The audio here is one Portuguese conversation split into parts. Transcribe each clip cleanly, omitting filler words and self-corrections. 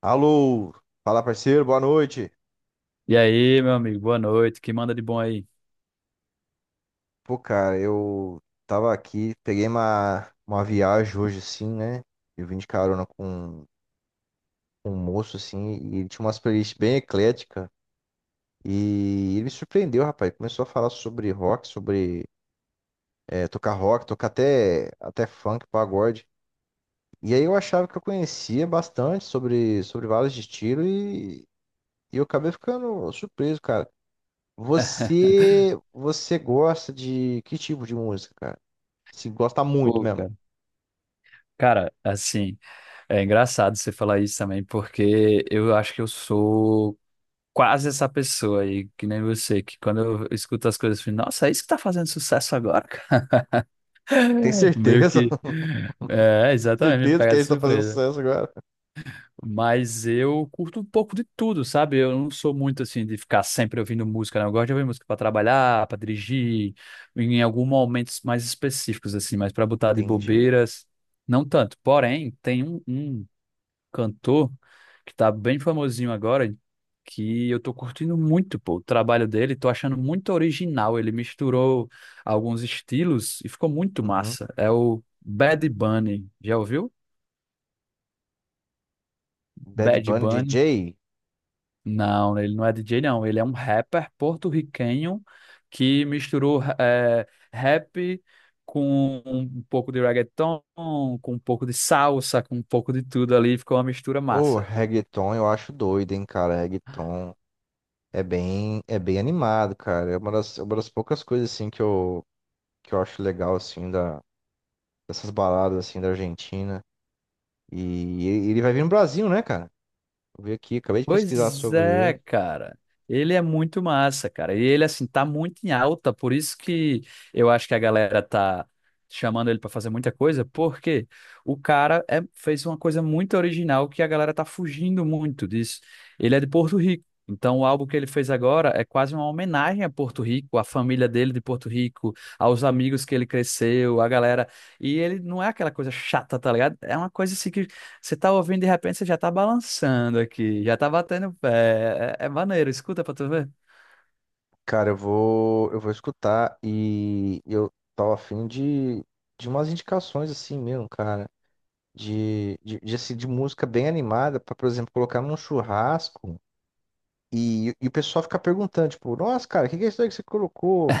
Alô, fala parceiro, boa noite. E aí, meu amigo, boa noite. Que manda de bom aí? Pô, cara, eu tava aqui, peguei uma viagem hoje assim, né? Eu vim de carona com um moço assim, e ele tinha umas playlists bem ecléticas. E ele me surpreendeu, rapaz. Começou a falar sobre rock, sobre tocar rock, tocar até funk, pagode. E aí eu achava que eu conhecia bastante sobre vários estilos e eu acabei ficando surpreso, cara. Você gosta de que tipo de música, cara? Se gosta muito Pô, mesmo. cara, Cara, assim, é engraçado você falar isso também, porque eu acho que eu sou quase essa pessoa aí, que nem você, que quando eu escuto as coisas, eu fico, nossa, é isso que tá fazendo sucesso agora, cara? Tem Meio certeza? que. É, exatamente, me Certeza que pega a de gente tá fazendo surpresa. sucesso agora. Mas eu curto um pouco de tudo, sabe? Eu não sou muito assim de ficar sempre ouvindo música, não. Eu gosto de ouvir música para trabalhar, para dirigir, em alguns momentos mais específicos, assim, mas para botar de Entendi. bobeiras, não tanto. Porém, tem um cantor que tá bem famosinho agora, que eu tô curtindo muito, pô, o trabalho dele, tô achando muito original. Ele misturou alguns estilos e ficou muito Uhum. massa. É o Bad Bunny. Já ouviu? Bad Bad Bunny DJ? Bunny. Não, ele não é DJ, não. Ele é um rapper porto-riquenho que misturou rap com um pouco de reggaeton, com um pouco de salsa, com um pouco de tudo ali. Ficou uma mistura Ô, massa. reggaeton eu acho doido, hein, cara. Reggaeton é bem animado, cara. É uma das poucas coisas, assim, que eu acho legal, assim, dessas baladas, assim, da Argentina. E ele vai vir no Brasil, né, cara? Eu vi aqui, acabei de pesquisar Pois sobre é, ele. cara. Ele é muito massa, cara. E ele, assim, tá muito em alta, por isso que eu acho que a galera tá chamando ele pra fazer muita coisa, porque o fez uma coisa muito original que a galera tá fugindo muito disso. Ele é de Porto Rico. Então, o álbum que ele fez agora é quase uma homenagem a Porto Rico, à família dele de Porto Rico, aos amigos que ele cresceu, a galera. E ele não é aquela coisa chata, tá ligado? É uma coisa assim que você tá ouvindo, de repente, você já tá balançando aqui, já tá batendo o pé. É, é maneiro, escuta pra tu ver. Cara, eu vou escutar e eu tava afim de umas indicações assim mesmo, cara. De música bem animada pra, por exemplo, colocar num churrasco e o pessoal fica perguntando, tipo, nossa, cara, o que que é isso aí que você colocou?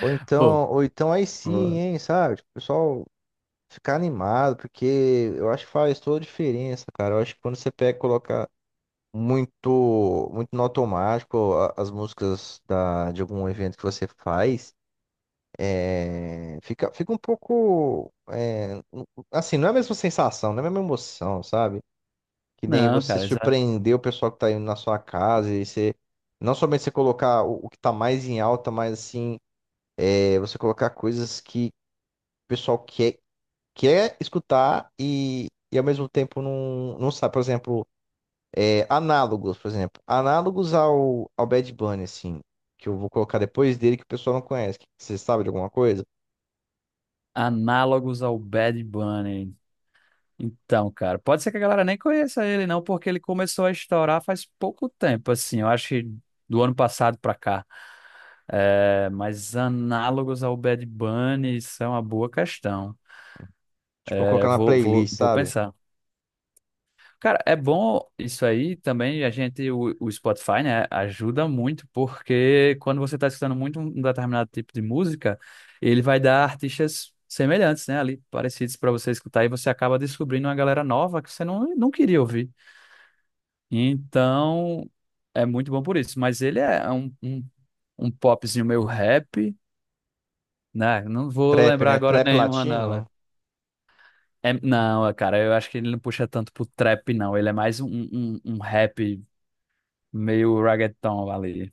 Pô, Ou então aí sim, pô. hein, sabe? Tipo, o pessoal ficar animado, porque eu acho que faz toda a diferença, cara. Eu acho que quando você pega e coloca muito no automático as músicas de algum evento que você faz. É, fica um pouco. Não é a mesma sensação, não é a mesma emoção, sabe? Que nem Não, você cara, surpreender o pessoal que tá indo na sua casa e você. Não somente você colocar o que tá mais em alta, mas assim, você colocar coisas que o pessoal quer escutar e ao mesmo tempo não sabe. Por exemplo, análogos, por exemplo. Análogos ao Bad Bunny, assim, que eu vou colocar depois dele que o pessoal não conhece. Que Você sabe de alguma coisa? análogos ao Bad Bunny. Então, cara, pode ser que a galera nem conheça ele, não, porque ele começou a estourar faz pouco tempo, assim, eu acho que do ano passado pra cá. É, mas análogos ao Bad Bunny são uma boa questão. Tipo, eu vou colocar É, na vou, vou, playlist, vou sabe? pensar. Cara, é bom isso aí também. A gente, o Spotify, né, ajuda muito, porque quando você está escutando muito um determinado tipo de música, ele vai dar artistas semelhantes, né, ali, parecidos para você escutar, e você acaba descobrindo uma galera nova que você não queria ouvir. Então, é muito bom por isso. Mas ele é um popzinho meio rap, né? Não vou Trap, lembrar né? agora Trap nenhuma latino? nela. É, não, cara, eu acho que ele não puxa tanto pro trap, não. Ele é mais um rap. Meio reggaeton ali.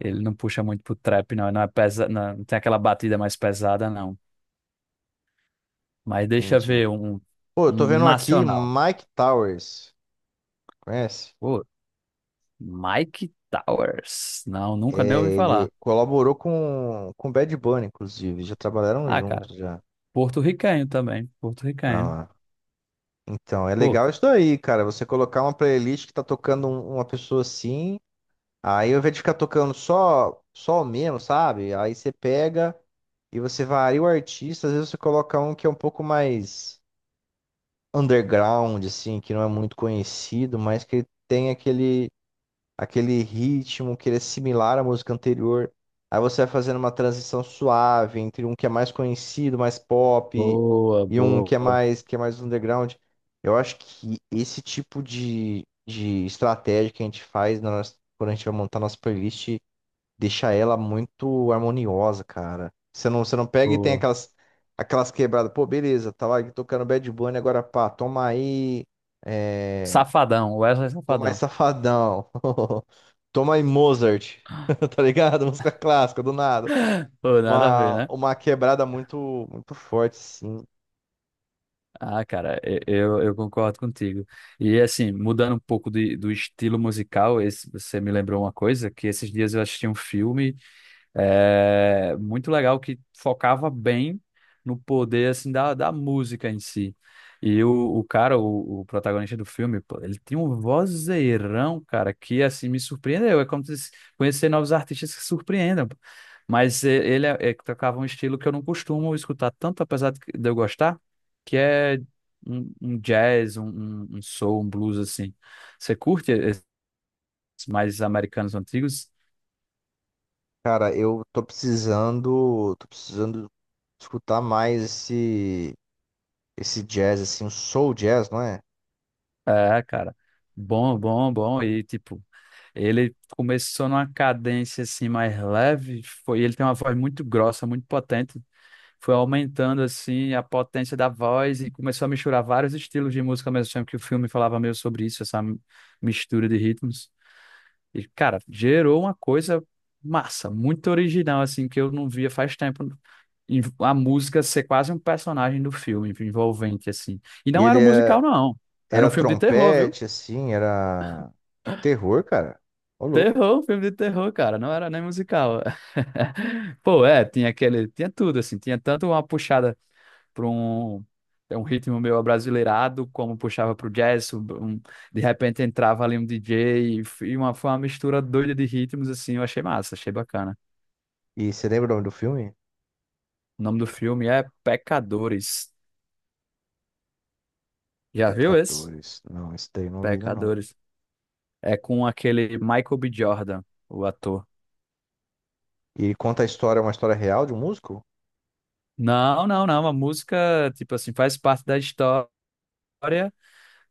Ele não puxa muito pro trap, não. Não é não, não tem aquela batida mais pesada, não. Mas deixa eu Entendi. ver Pô, eu tô um vendo um aqui nacional. Mike Towers, conhece? Pô, Mike Towers. Não, nunca nem É, ouvi ele falar. colaborou com Bad Bunny, inclusive, já trabalharam Ah, cara, juntos já. porto-riquenho também. Ah, Porto-riquenho. lá. Então, é Pô, legal isso daí, cara, você colocar uma playlist que tá tocando uma pessoa assim, aí ao invés de ficar tocando só o mesmo, sabe? Aí você pega e você varia o artista, às vezes você coloca um que é um pouco mais underground, assim, que não é muito conhecido, mas que tem aquele ritmo que ele é similar à música anterior. Aí você vai fazendo uma transição suave entre um que é mais conhecido, mais pop, Boa, e um que é boa, que é mais underground. Eu acho que esse tipo de estratégia que a gente faz na nossa- quando a gente vai montar nossa playlist deixa ela muito harmoniosa, cara. Você não pega e tem boa. Aquelas quebradas. Pô, beleza, tava aqui tocando Bad Bunny, agora pá, toma aí. eh, Safadão, Wesley Toma aí, Safadão. Safadão. Toma aí, Mozart. Tá ligado? Música clássica, do nada. Pô, nada a ver, né? Uma quebrada muito forte, sim. Ah, cara, eu concordo contigo. E assim, mudando um pouco de, do estilo musical, esse, você me lembrou uma coisa, que esses dias eu assisti um filme. É muito legal que focava bem no poder assim da, da música em si. E o cara, o protagonista do filme, pô, ele tem um vozeirão, cara, que assim me surpreendeu. É como se conhecer novos artistas que surpreendam. Pô. Ele é que tocava um estilo que eu não costumo escutar tanto, apesar de eu gostar, que é um jazz, um um soul, um blues assim. Você curte esses mais americanos antigos? Cara, tô precisando escutar mais esse jazz, assim, o soul jazz, não é? É, cara. Bom. E, tipo, ele começou numa cadência, assim, mais leve. Foi, ele tem uma voz muito grossa, muito potente. Foi aumentando, assim, a potência da voz e começou a misturar vários estilos de música ao mesmo tempo que o filme falava meio sobre isso, essa mistura de ritmos. E, cara, gerou uma coisa massa, muito original, assim, que eu não via faz tempo. E a música ser quase um personagem do filme, envolvente, assim. E E não era um musical, não. Era um era filme de terror, viu? trompete, era terror, cara. Ô, louco. Terror, filme de terror, cara, não era nem musical. Pô, é, tinha aquele, tinha tudo, assim, tinha tanto uma puxada para um, é um ritmo meio abrasileirado, como puxava pro jazz, um- de repente entrava ali um DJ, e uma, foi uma mistura doida de ritmos, assim, eu achei massa, achei bacana. E você lembra o nome do filme? O nome do filme é Pecadores. Já viu esse? Pecadores. Não, esse daí eu não vi ainda não. Pecadores. É com aquele Michael B. Jordan, o ator. E conta a história, uma história real de um músico? Não, a música, tipo assim, faz parte da história,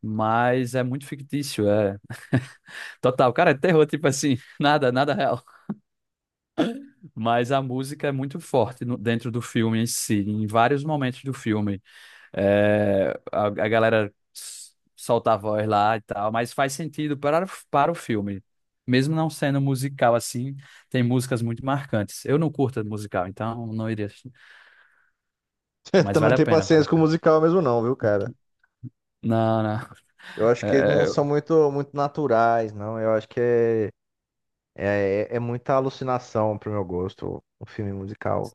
mas é muito fictício, é total. Cara, é terror, tipo assim, nada real. Mas a música é muito forte dentro do filme em si, em vários momentos do filme. É, a galera solta a voz lá e tal, mas faz sentido para, para o filme. Mesmo não sendo musical assim, tem músicas muito marcantes. Eu não curto musical, então não iria assistir. Mas Também não vale a tenho pena, vale a paciência com o pena. musical mesmo não, viu, cara? Não. Eu acho que eles não são muito naturais, não. Eu acho que é muita alucinação pro meu gosto, um filme musical.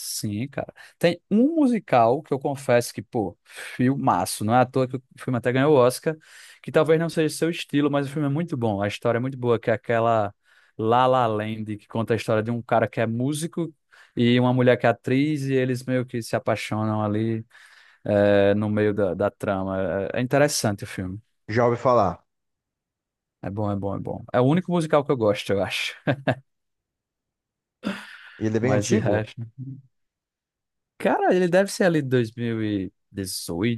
Sim, cara. Tem um musical que eu confesso que, pô, filmaço. Não é à toa que o filme até ganhou o Oscar, que talvez não seja seu estilo, mas o filme é muito bom. A história é muito boa, que é aquela La La Land, que conta a história de um cara que é músico e uma mulher que é atriz, e eles meio que se apaixonam ali, é, no meio da, da trama. É, é interessante o filme. Já ouvi falar. É bom. É o único musical que eu gosto, eu acho. E ele é bem Mas de antigo? resto. Cara, ele deve ser ali de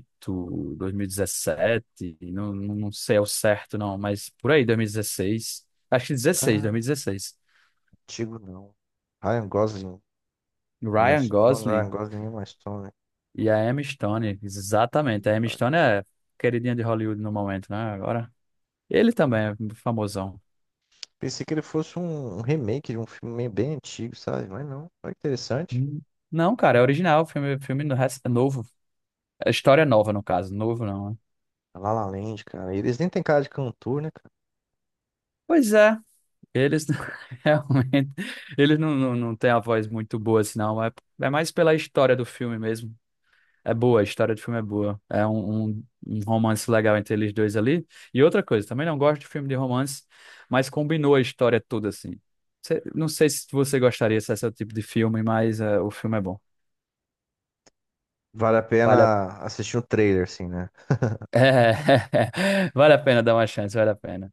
2018, 2017, não sei ao certo não, mas por aí, dois mil e dezesseis, acho que dezesseis, dois mil e Ah, dezesseis. antigo não. Ryan Gosling. Emma Ryan Stone, Ryan Gosling Gosling e Emma Stone. e a Emma Stone, Ih, exatamente. A Emma olha. Stone é queridinha de Hollywood no momento, né? Agora, ele também é famosão. Pensei que ele fosse um remake de um filme bem antigo, sabe? Mas não. Olha que interessante. Hum. Não, cara, é original, filme, novo. É história nova, no caso, novo não, né? La La Land, cara. Eles nem têm cara de cantor, né, cara? Pois é, eles realmente eles não têm a voz muito boa, assim, não. É, é mais pela história do filme mesmo. É boa, a história do filme é boa. É um romance legal entre eles dois ali. E outra coisa, também não gosto de filme de romance, mas combinou a história toda, assim. Não sei se você gostaria se esse é o tipo de filme, mas é, o filme é bom. Vale a Vale a, pena assistir um trailer, assim, né? é, vale a pena dar uma chance, vale a pena.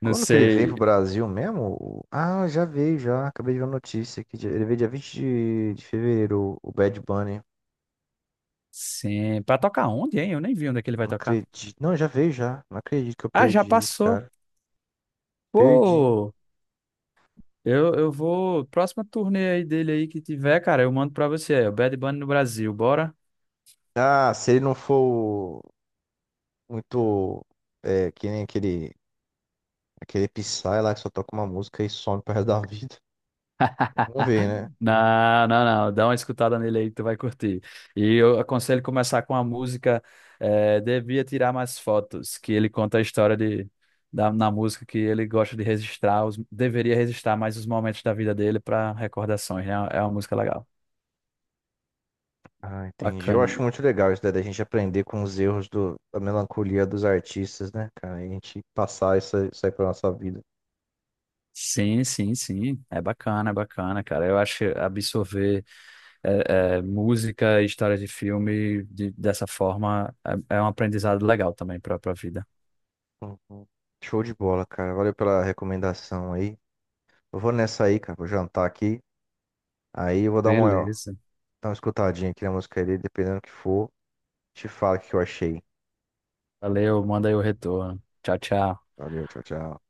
Não Quando que ele veio sei. pro Brasil mesmo? Ah, já veio, já. Acabei de ver a notícia aqui. Ele veio dia 20 de fevereiro, o Bad Bunny. Sim. Pra tocar onde, hein? Eu nem vi onde é que ele Não vai tocar. acredito. Não, já veio, já. Não acredito que eu Ah, já perdi, passou. cara. Perdi. Pô! Eu vou. Próxima turnê aí dele aí que tiver, cara, eu mando pra você. É o Bad Bunny no Brasil, bora? Ah, se ele não for muito. É, que nem aquele Psy lá que só toca uma música e some pro resto da vida. Vamos ver, né? Não. Dá uma escutada nele aí que tu vai curtir. E eu aconselho começar com a música Devia Tirar Mais Fotos, que ele conta a história de, da, na música que ele gosta de registrar, os, deveria registrar mais os momentos da vida dele para recordações, né? É uma música legal. Ah, entendi. Eu Bacana. acho muito legal isso daí, da gente aprender com os erros da melancolia dos artistas, né, cara? E a gente passar isso aí pra nossa vida. Sim. É bacana, cara. Eu acho que absorver. É, é, música e história de dessa forma é, é um aprendizado legal também para a vida. Uhum. Show de bola, cara. Valeu pela recomendação aí. Eu vou nessa aí, cara. Vou jantar aqui. Aí eu vou Beleza. dar uma escutadinha aqui na música dele, dependendo do que for. Te falo o que eu achei. Valeu, manda aí o retorno. Tchau, tchau. Valeu, tchau, tchau.